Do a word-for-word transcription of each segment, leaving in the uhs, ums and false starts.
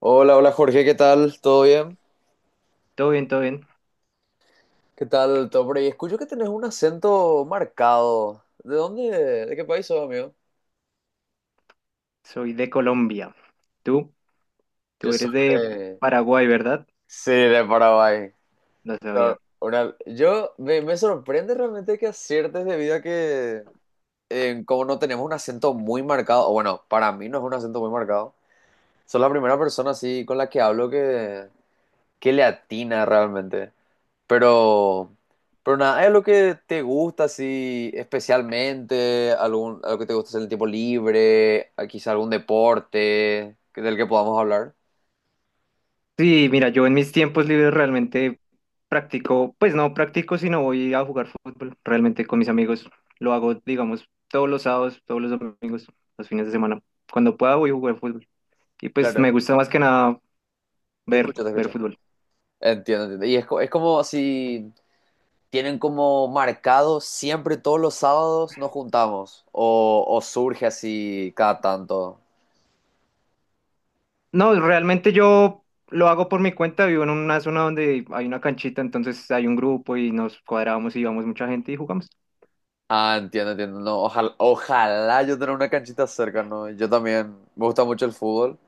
Hola, hola Jorge, ¿qué tal? ¿Todo bien? Todo bien, todo bien. ¿Qué tal, todo por ahí? Escucho que tenés un acento marcado. ¿De dónde? ¿De qué país sos, amigo? Soy de Colombia. ¿Tú? Yo Tú soy eres de de... Paraguay, ¿verdad? Sí, de Paraguay. No No, sabía. una- Yo me, me sorprende realmente que aciertes debido a que eh, como no tenemos un acento muy marcado, o bueno, para mí no es un acento muy marcado. Sos la primera persona así con la que hablo que qué le atina realmente. Pero, pero nada, ¿hay algo que te gusta así especialmente? ¿Algún, algo que te gusta hacer en el tiempo libre? ¿A ¿Quizá algún deporte que- del que podamos hablar? Sí, mira, yo en mis tiempos libres realmente practico, pues no practico, sino voy a jugar fútbol. Realmente con mis amigos lo hago, digamos, todos los sábados, todos los domingos, los fines de semana. Cuando pueda voy a jugar fútbol. Y pues Claro, me gusta más que nada te ver, escucho, te ver escucho. fútbol. Entiendo, entiendo. Y es, co- es como si tienen como marcado siempre todos los sábados nos juntamos o, o surge así cada tanto. No, realmente yo lo hago por mi cuenta. Vivo en una zona donde hay una canchita, entonces hay un grupo y nos cuadramos y vamos mucha gente y jugamos. Ah, entiendo, entiendo. No, ojalá, ojalá yo tener una canchita cerca, ¿no? Yo también me gusta mucho el fútbol.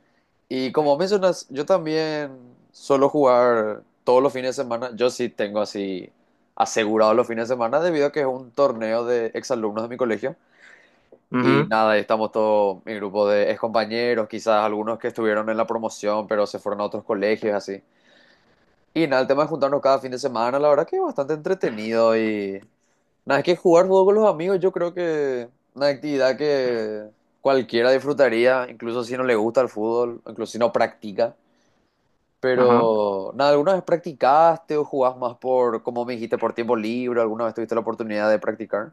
Y como mencionas, yo también suelo jugar todos los fines de semana. Yo sí tengo así asegurado los fines de semana debido a que es un torneo de exalumnos de mi colegio. Y Ujú. nada, ahí estamos todo mi grupo de excompañeros, quizás algunos que estuvieron en la promoción, pero se fueron a otros colegios, así. Y nada, el tema de juntarnos cada fin de semana, la verdad que es bastante entretenido y nada, es que jugar fútbol con los amigos yo creo que una actividad que cualquiera disfrutaría, incluso si no le gusta el fútbol, incluso si no practica. Ajá. Pero nada, ¿alguna vez practicaste o jugás más por, como me dijiste, por tiempo libre? ¿Alguna vez tuviste la oportunidad de practicar?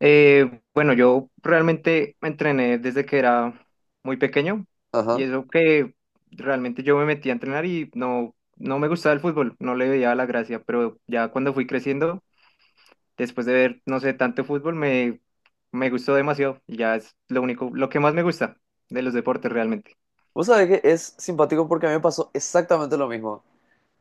Eh, bueno, yo realmente me entrené desde que era muy pequeño y Ajá. eso que realmente yo me metí a entrenar y no, no me gustaba el fútbol, no le veía la gracia, pero ya cuando fui creciendo, después de ver, no sé, tanto fútbol, me, me gustó demasiado y ya es lo único, lo que más me gusta de los deportes realmente. Vos sabés que es simpático porque a mí me pasó exactamente lo mismo.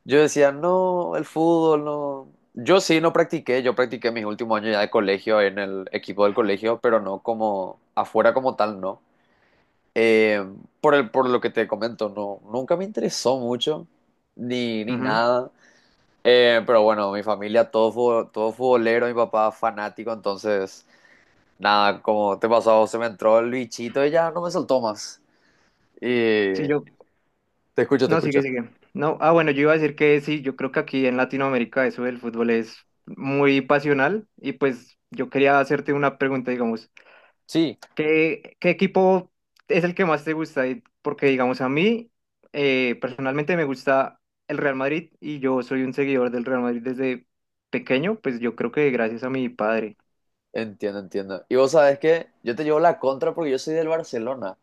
Yo decía, no, el fútbol, no. Yo sí no practiqué, yo practiqué mis últimos años ya de colegio en el equipo del colegio, pero no como afuera como tal, no. Eh, por el, por lo que te comento, no, nunca me interesó mucho, ni, ni Ujú. nada. Eh, pero bueno, mi familia, todo, fu- todo futbolero, mi papá fanático, entonces, nada, como te pasó, a vos, se me entró el bichito y ya no me soltó más. Sí, Y yo. te escucho, te No, escucho. sigue, sigue. No, ah, bueno, yo iba a decir que sí, yo creo que aquí en Latinoamérica eso del fútbol es muy pasional y pues yo quería hacerte una pregunta, digamos, Sí, ¿qué, qué equipo es el que más te gusta? Y- Porque, digamos, a mí eh, personalmente me gusta el Real Madrid y yo soy un seguidor del Real Madrid desde pequeño, pues yo creo que gracias a mi padre. entiendo, entiendo. Y vos sabés que yo te llevo la contra porque yo soy del Barcelona.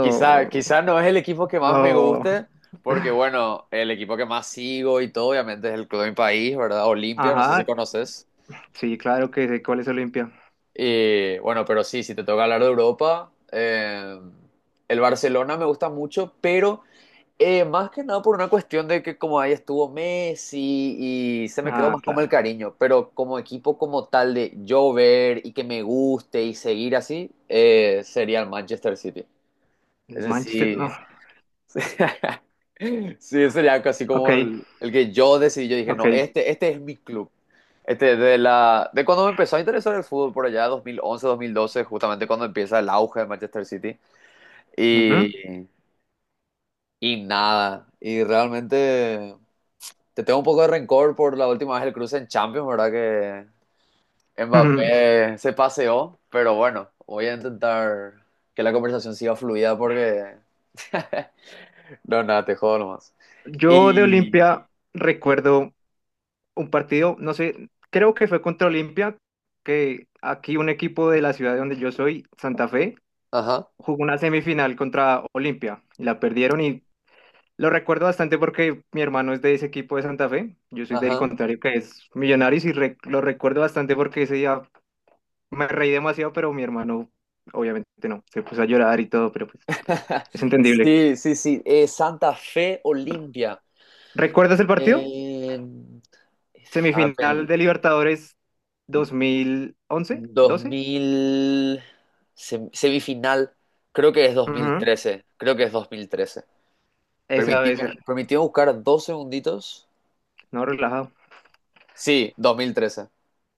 Quizá, quizá no es el equipo que más me no. guste, porque bueno, el equipo que más sigo y todo, obviamente, es el club de mi país, ¿verdad? Olimpia, no sé si Ajá, conoces. sí, claro que sé cuál es Olimpia. Y bueno, pero sí, si te toca hablar de Europa, eh, el Barcelona me gusta mucho, pero eh, más que nada por una cuestión de que como ahí estuvo Messi y se me quedó Ah, más como claro. el cariño, pero como equipo como tal de yo ver y que me guste y seguir así, eh, sería el Manchester City. El Es Manchester, no. decir, Sí, sería casi Ok. como el, el que yo decidí. Yo dije, Ok. no, Ujú. este, este es mi club. Este, de la, de cuando me empezó a interesar el fútbol por allá, dos dos mil once dos mil doce justamente cuando empieza el auge de Manchester City. Y, y nada, y realmente te tengo un poco de rencor por la última vez el cruce en Champions, ¿verdad? Que Ujú. Mbappé se paseó, pero bueno, voy a intentar que la conversación siga fluida porque... No, nada, te jodo nomás. Yo de Y... Olimpia recuerdo un partido, no sé, creo que fue contra Olimpia, que aquí un equipo de la ciudad de donde yo soy, Santa Fe, Ajá. jugó una semifinal contra Olimpia y la perdieron y lo recuerdo bastante porque mi hermano es de ese equipo de Santa Fe, yo soy del Ajá. contrario que es Millonarios y re- lo recuerdo bastante porque ese día me reí demasiado, pero mi hermano obviamente no, se puso a llorar y todo, pero pues es entendible. Sí, sí, sí. Eh, Santa Fe Olimpia. ¿Recuerdas el partido? Eh, ah, Semifinal pel- de Libertadores dos mil once, doce. 2000, sem- semifinal, creo que es dos mil Ujú. trece, creo que es dos mil trece. Esa debe Permitime, ser, permitime buscar dos segunditos. no relajado. Sí, dos dos mil trece,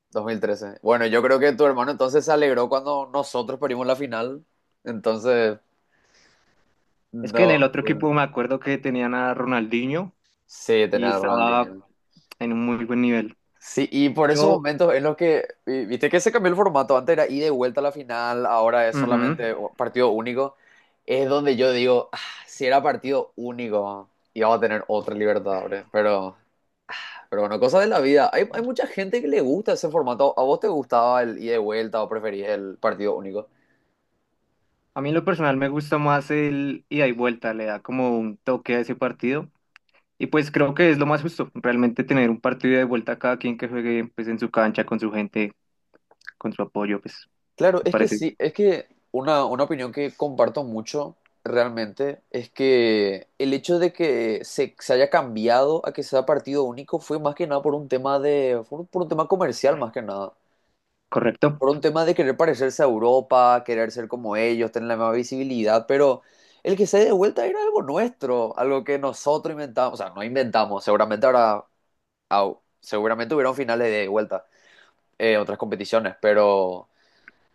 dos mil trece. Bueno, yo creo que tu hermano entonces se alegró cuando nosotros perdimos la final, entonces, Es que en no, el otro no, equipo me no. acuerdo que tenían a Ronaldinho Sí, tener y a estaba Ronaldinho. en un muy buen nivel. Sí, y por esos Yo, momentos en los que, vi- viste que se cambió el formato, antes era ida y vuelta a la final, ahora es ujú. solamente u- partido único, es donde yo digo, "Ah, si era partido único, íbamos a tener otra Libertadores, pero, pero bueno, cosas de la vida, hay, hay mucha gente que le gusta ese formato, ¿a vos te gustaba el ida y vuelta o preferís el partido único? A mí en lo personal me gusta más el ida y vuelta, le da como un toque a ese partido. Y pues creo que es lo más justo, realmente tener un partido de vuelta a cada quien que juegue pues en su cancha, con su gente, con su apoyo, pues Claro, me es que parece sí, es que una, una opinión que comparto mucho realmente es que el hecho de que se, se haya cambiado a que sea partido único fue más que nada por un tema de, por, un por un tema comercial más que nada, correcto. por un tema de querer parecerse a Europa, querer ser como ellos, tener la misma visibilidad, pero el que se dé de vuelta era algo nuestro, algo que nosotros inventamos, o sea, no inventamos, seguramente ahora, seguramente hubieron finales de vuelta, eh, otras competiciones, pero...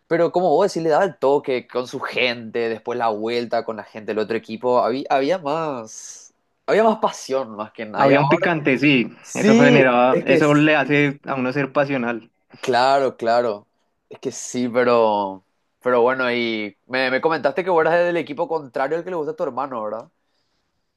Pero como vos decís, le daba el toque con su gente, después la vuelta con la gente del otro equipo. Había, había más, había más pasión más que nada. Y Había un ahora, picante, sí, eso sí, generaba, es que, eso es- le hace a uno ser pasional. claro, claro, es que sí, pero, pero bueno, y me, me comentaste que vos eras del equipo contrario al que le gusta a tu hermano, ¿verdad?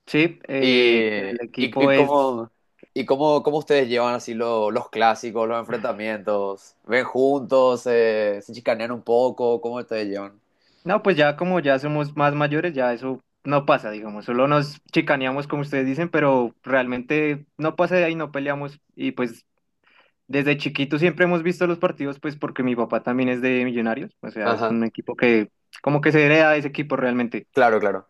Sí, eh, Y, el y, equipo y es, cómo, y cómo, cómo ustedes llevan así lo- los clásicos, los enfrentamientos. ¿Ven juntos? Eh, ¿se chicanean un poco? ¿Cómo ustedes llevan? no, pues ya como ya somos más mayores, ya eso no pasa, digamos, solo nos chicaneamos como ustedes dicen, pero realmente no pasa de ahí, no peleamos y pues desde chiquitos siempre hemos visto los partidos, pues porque mi papá también es de Millonarios, o sea, es Ajá, un equipo que como que se hereda de ese equipo realmente. claro, claro.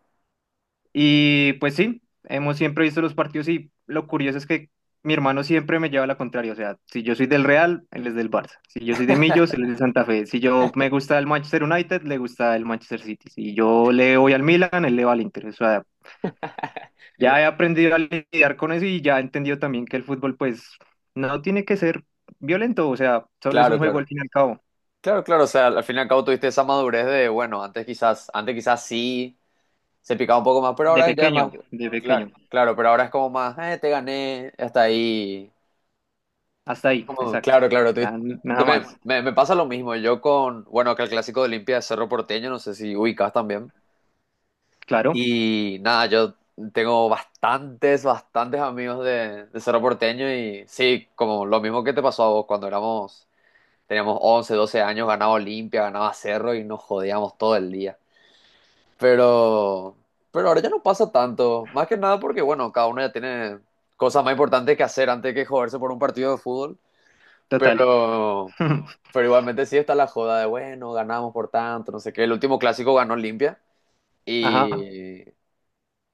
Y pues sí, hemos siempre visto los partidos y lo curioso es que mi hermano siempre me lleva a la contraria. O sea, si yo soy del Real, él es del Barça. Si yo soy de Millos, él es de Santa Fe. Si yo me gusta el Manchester United, le gusta el Manchester City. Si yo le voy al Milan, él le va al Inter. O sea, ya he aprendido a lidiar con eso y ya he entendido también que el fútbol, pues, no tiene que ser violento. O sea, solo es un Claro, juego claro. al fin y al cabo. Claro, claro. O sea, al fin y al cabo tuviste esa madurez de, bueno, antes quizás, antes quizás sí se picaba un poco más, pero De ahora ya es pequeño, más. de Claro, pequeño. claro, pero ahora es como más, eh, te gané, hasta ahí. Hasta ahí, Como, exacto. claro, claro. tú- Ya te- nada me, más. me- me pasa lo mismo. Yo con, bueno, acá el clásico de Olimpia es Cerro Porteño, no sé si ubicas también. Claro, Y nada, yo tengo bastantes, bastantes amigos de, de Cerro Porteño y sí, como lo mismo que te pasó a vos cuando éramos Teníamos once doce años, ganaba Olimpia, ganaba Cerro y nos jodíamos todo el día. Pero, pero ahora ya no pasa tanto. Más que nada porque, bueno, cada uno ya tiene cosas más importantes que hacer antes que joderse por un partido de fútbol. total. Pero, pero igualmente sí está la joda de, bueno, ganamos por tanto, no sé qué. El último clásico ganó Olimpia Ajá. y,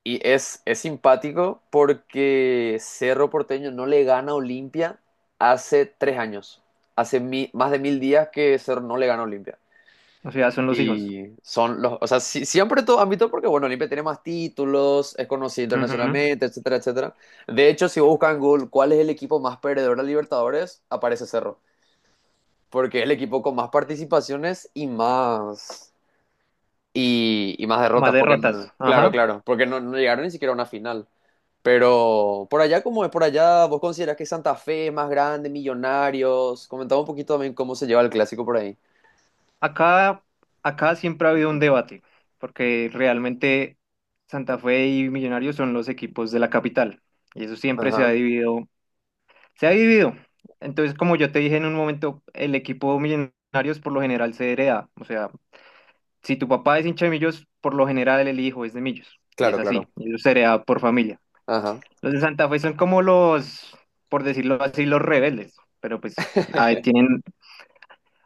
y es, es simpático porque Cerro Porteño no le gana a Olimpia hace tres años. Hace mi- más de mil días que Cerro no le gana a Olimpia. O sea, son los hijos. Y son los, o sea, sí- siempre todo ámbito porque, bueno, Olimpia tiene más títulos, es conocido Ujú. internacionalmente, etcétera, etcétera. De hecho, si buscan en Google cuál es el equipo más perdedor de Libertadores, aparece Cerro, porque es el equipo con más participaciones y más, y, y más Más derrotas, porque no- derrotas. claro, Ajá. claro, porque no, no llegaron ni siquiera a una final. Pero por allá, ¿cómo es por allá? ¿Vos considerás que Santa Fe es más grande, Millonarios? Comentaba un poquito también cómo se lleva el clásico por ahí. Acá, acá siempre ha habido un debate, porque realmente Santa Fe y Millonarios son los equipos de la capital, y eso siempre se ha Ajá, dividido. Se ha dividido. Entonces, como yo te dije en un momento, el equipo Millonarios por lo general se hereda. O sea, si tu papá es hincha de Millos, por lo general el hijo es de Millos, y es claro, así, claro. y eso se hereda por familia. Ajá. Los de Santa Fe son como los, por decirlo así, los rebeldes, pero pues ah, tienen.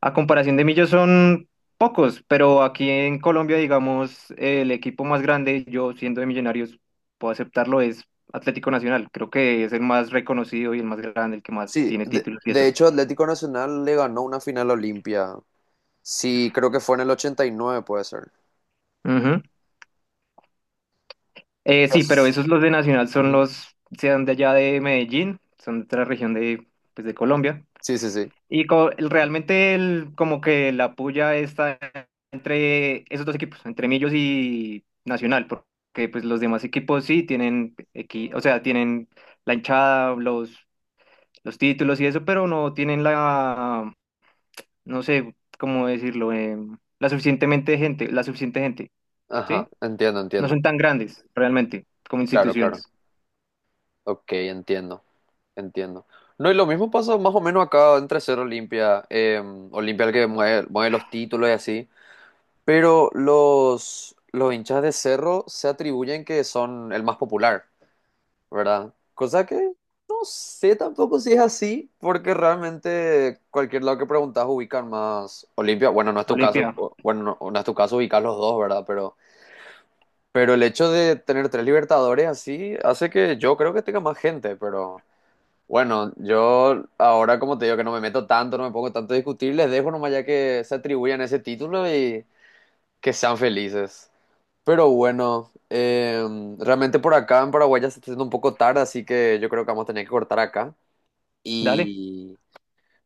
A comparación de Millos son pocos, pero aquí en Colombia, digamos, el equipo más grande, yo siendo de Millonarios, puedo aceptarlo, es Atlético Nacional. Creo que es el más reconocido y el más grande, el que más Sí, tiene de, títulos y de eso. hecho Atlético Nacional le ganó una final a Olimpia. Sí, creo que fue en el ochenta y nueve, puede ser. Ujú. Eh, sí, pero Yes. esos los de Nacional son Ujú. los, sean de allá de Medellín, son de otra región de, pues, de Colombia. Sí, sí, sí. Y co- el- realmente el, como que la puya está entre esos dos equipos, entre Millos y Nacional, porque pues los demás equipos sí tienen equi- o sea, tienen la hinchada, los, los títulos y eso, pero no tienen la, no sé cómo decirlo, em, la suficientemente gente, la suficiente gente, Ajá, ¿sí? entiendo, No entiendo. son tan grandes realmente como Claro, claro. instituciones. Ok, entiendo, entiendo. No, y lo mismo pasa más o menos acá entre ser Olimpia, eh, Olimpia el que mueve, mueve los títulos y así, pero los, los hinchas de Cerro se atribuyen que son el más popular, ¿verdad? Cosa que no sé tampoco si es así, porque realmente cualquier lado que preguntas ubican más Olimpia. Bueno, no es tu caso, Olimpia, o- bueno, no, no es tu caso ubicar los dos, ¿verdad? Pero, pero el hecho de tener tres Libertadores así hace que yo creo que tenga más gente, pero bueno, yo ahora como te digo que no me meto tanto, no me pongo tanto a discutir, les dejo nomás ya que se atribuyan ese título y que sean felices. Pero bueno, eh, realmente por acá en Paraguay ya se está haciendo un poco tarde, así que yo creo que vamos a tener que cortar acá. dale, Y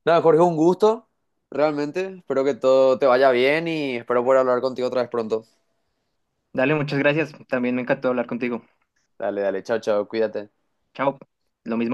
nada, Jorge, un gusto, realmente. Espero que todo te vaya bien y espero poder hablar contigo otra vez pronto. dale, muchas gracias. También me encantó hablar contigo. Dale, dale, chao, chao, cuídate. Chao. Lo mismo.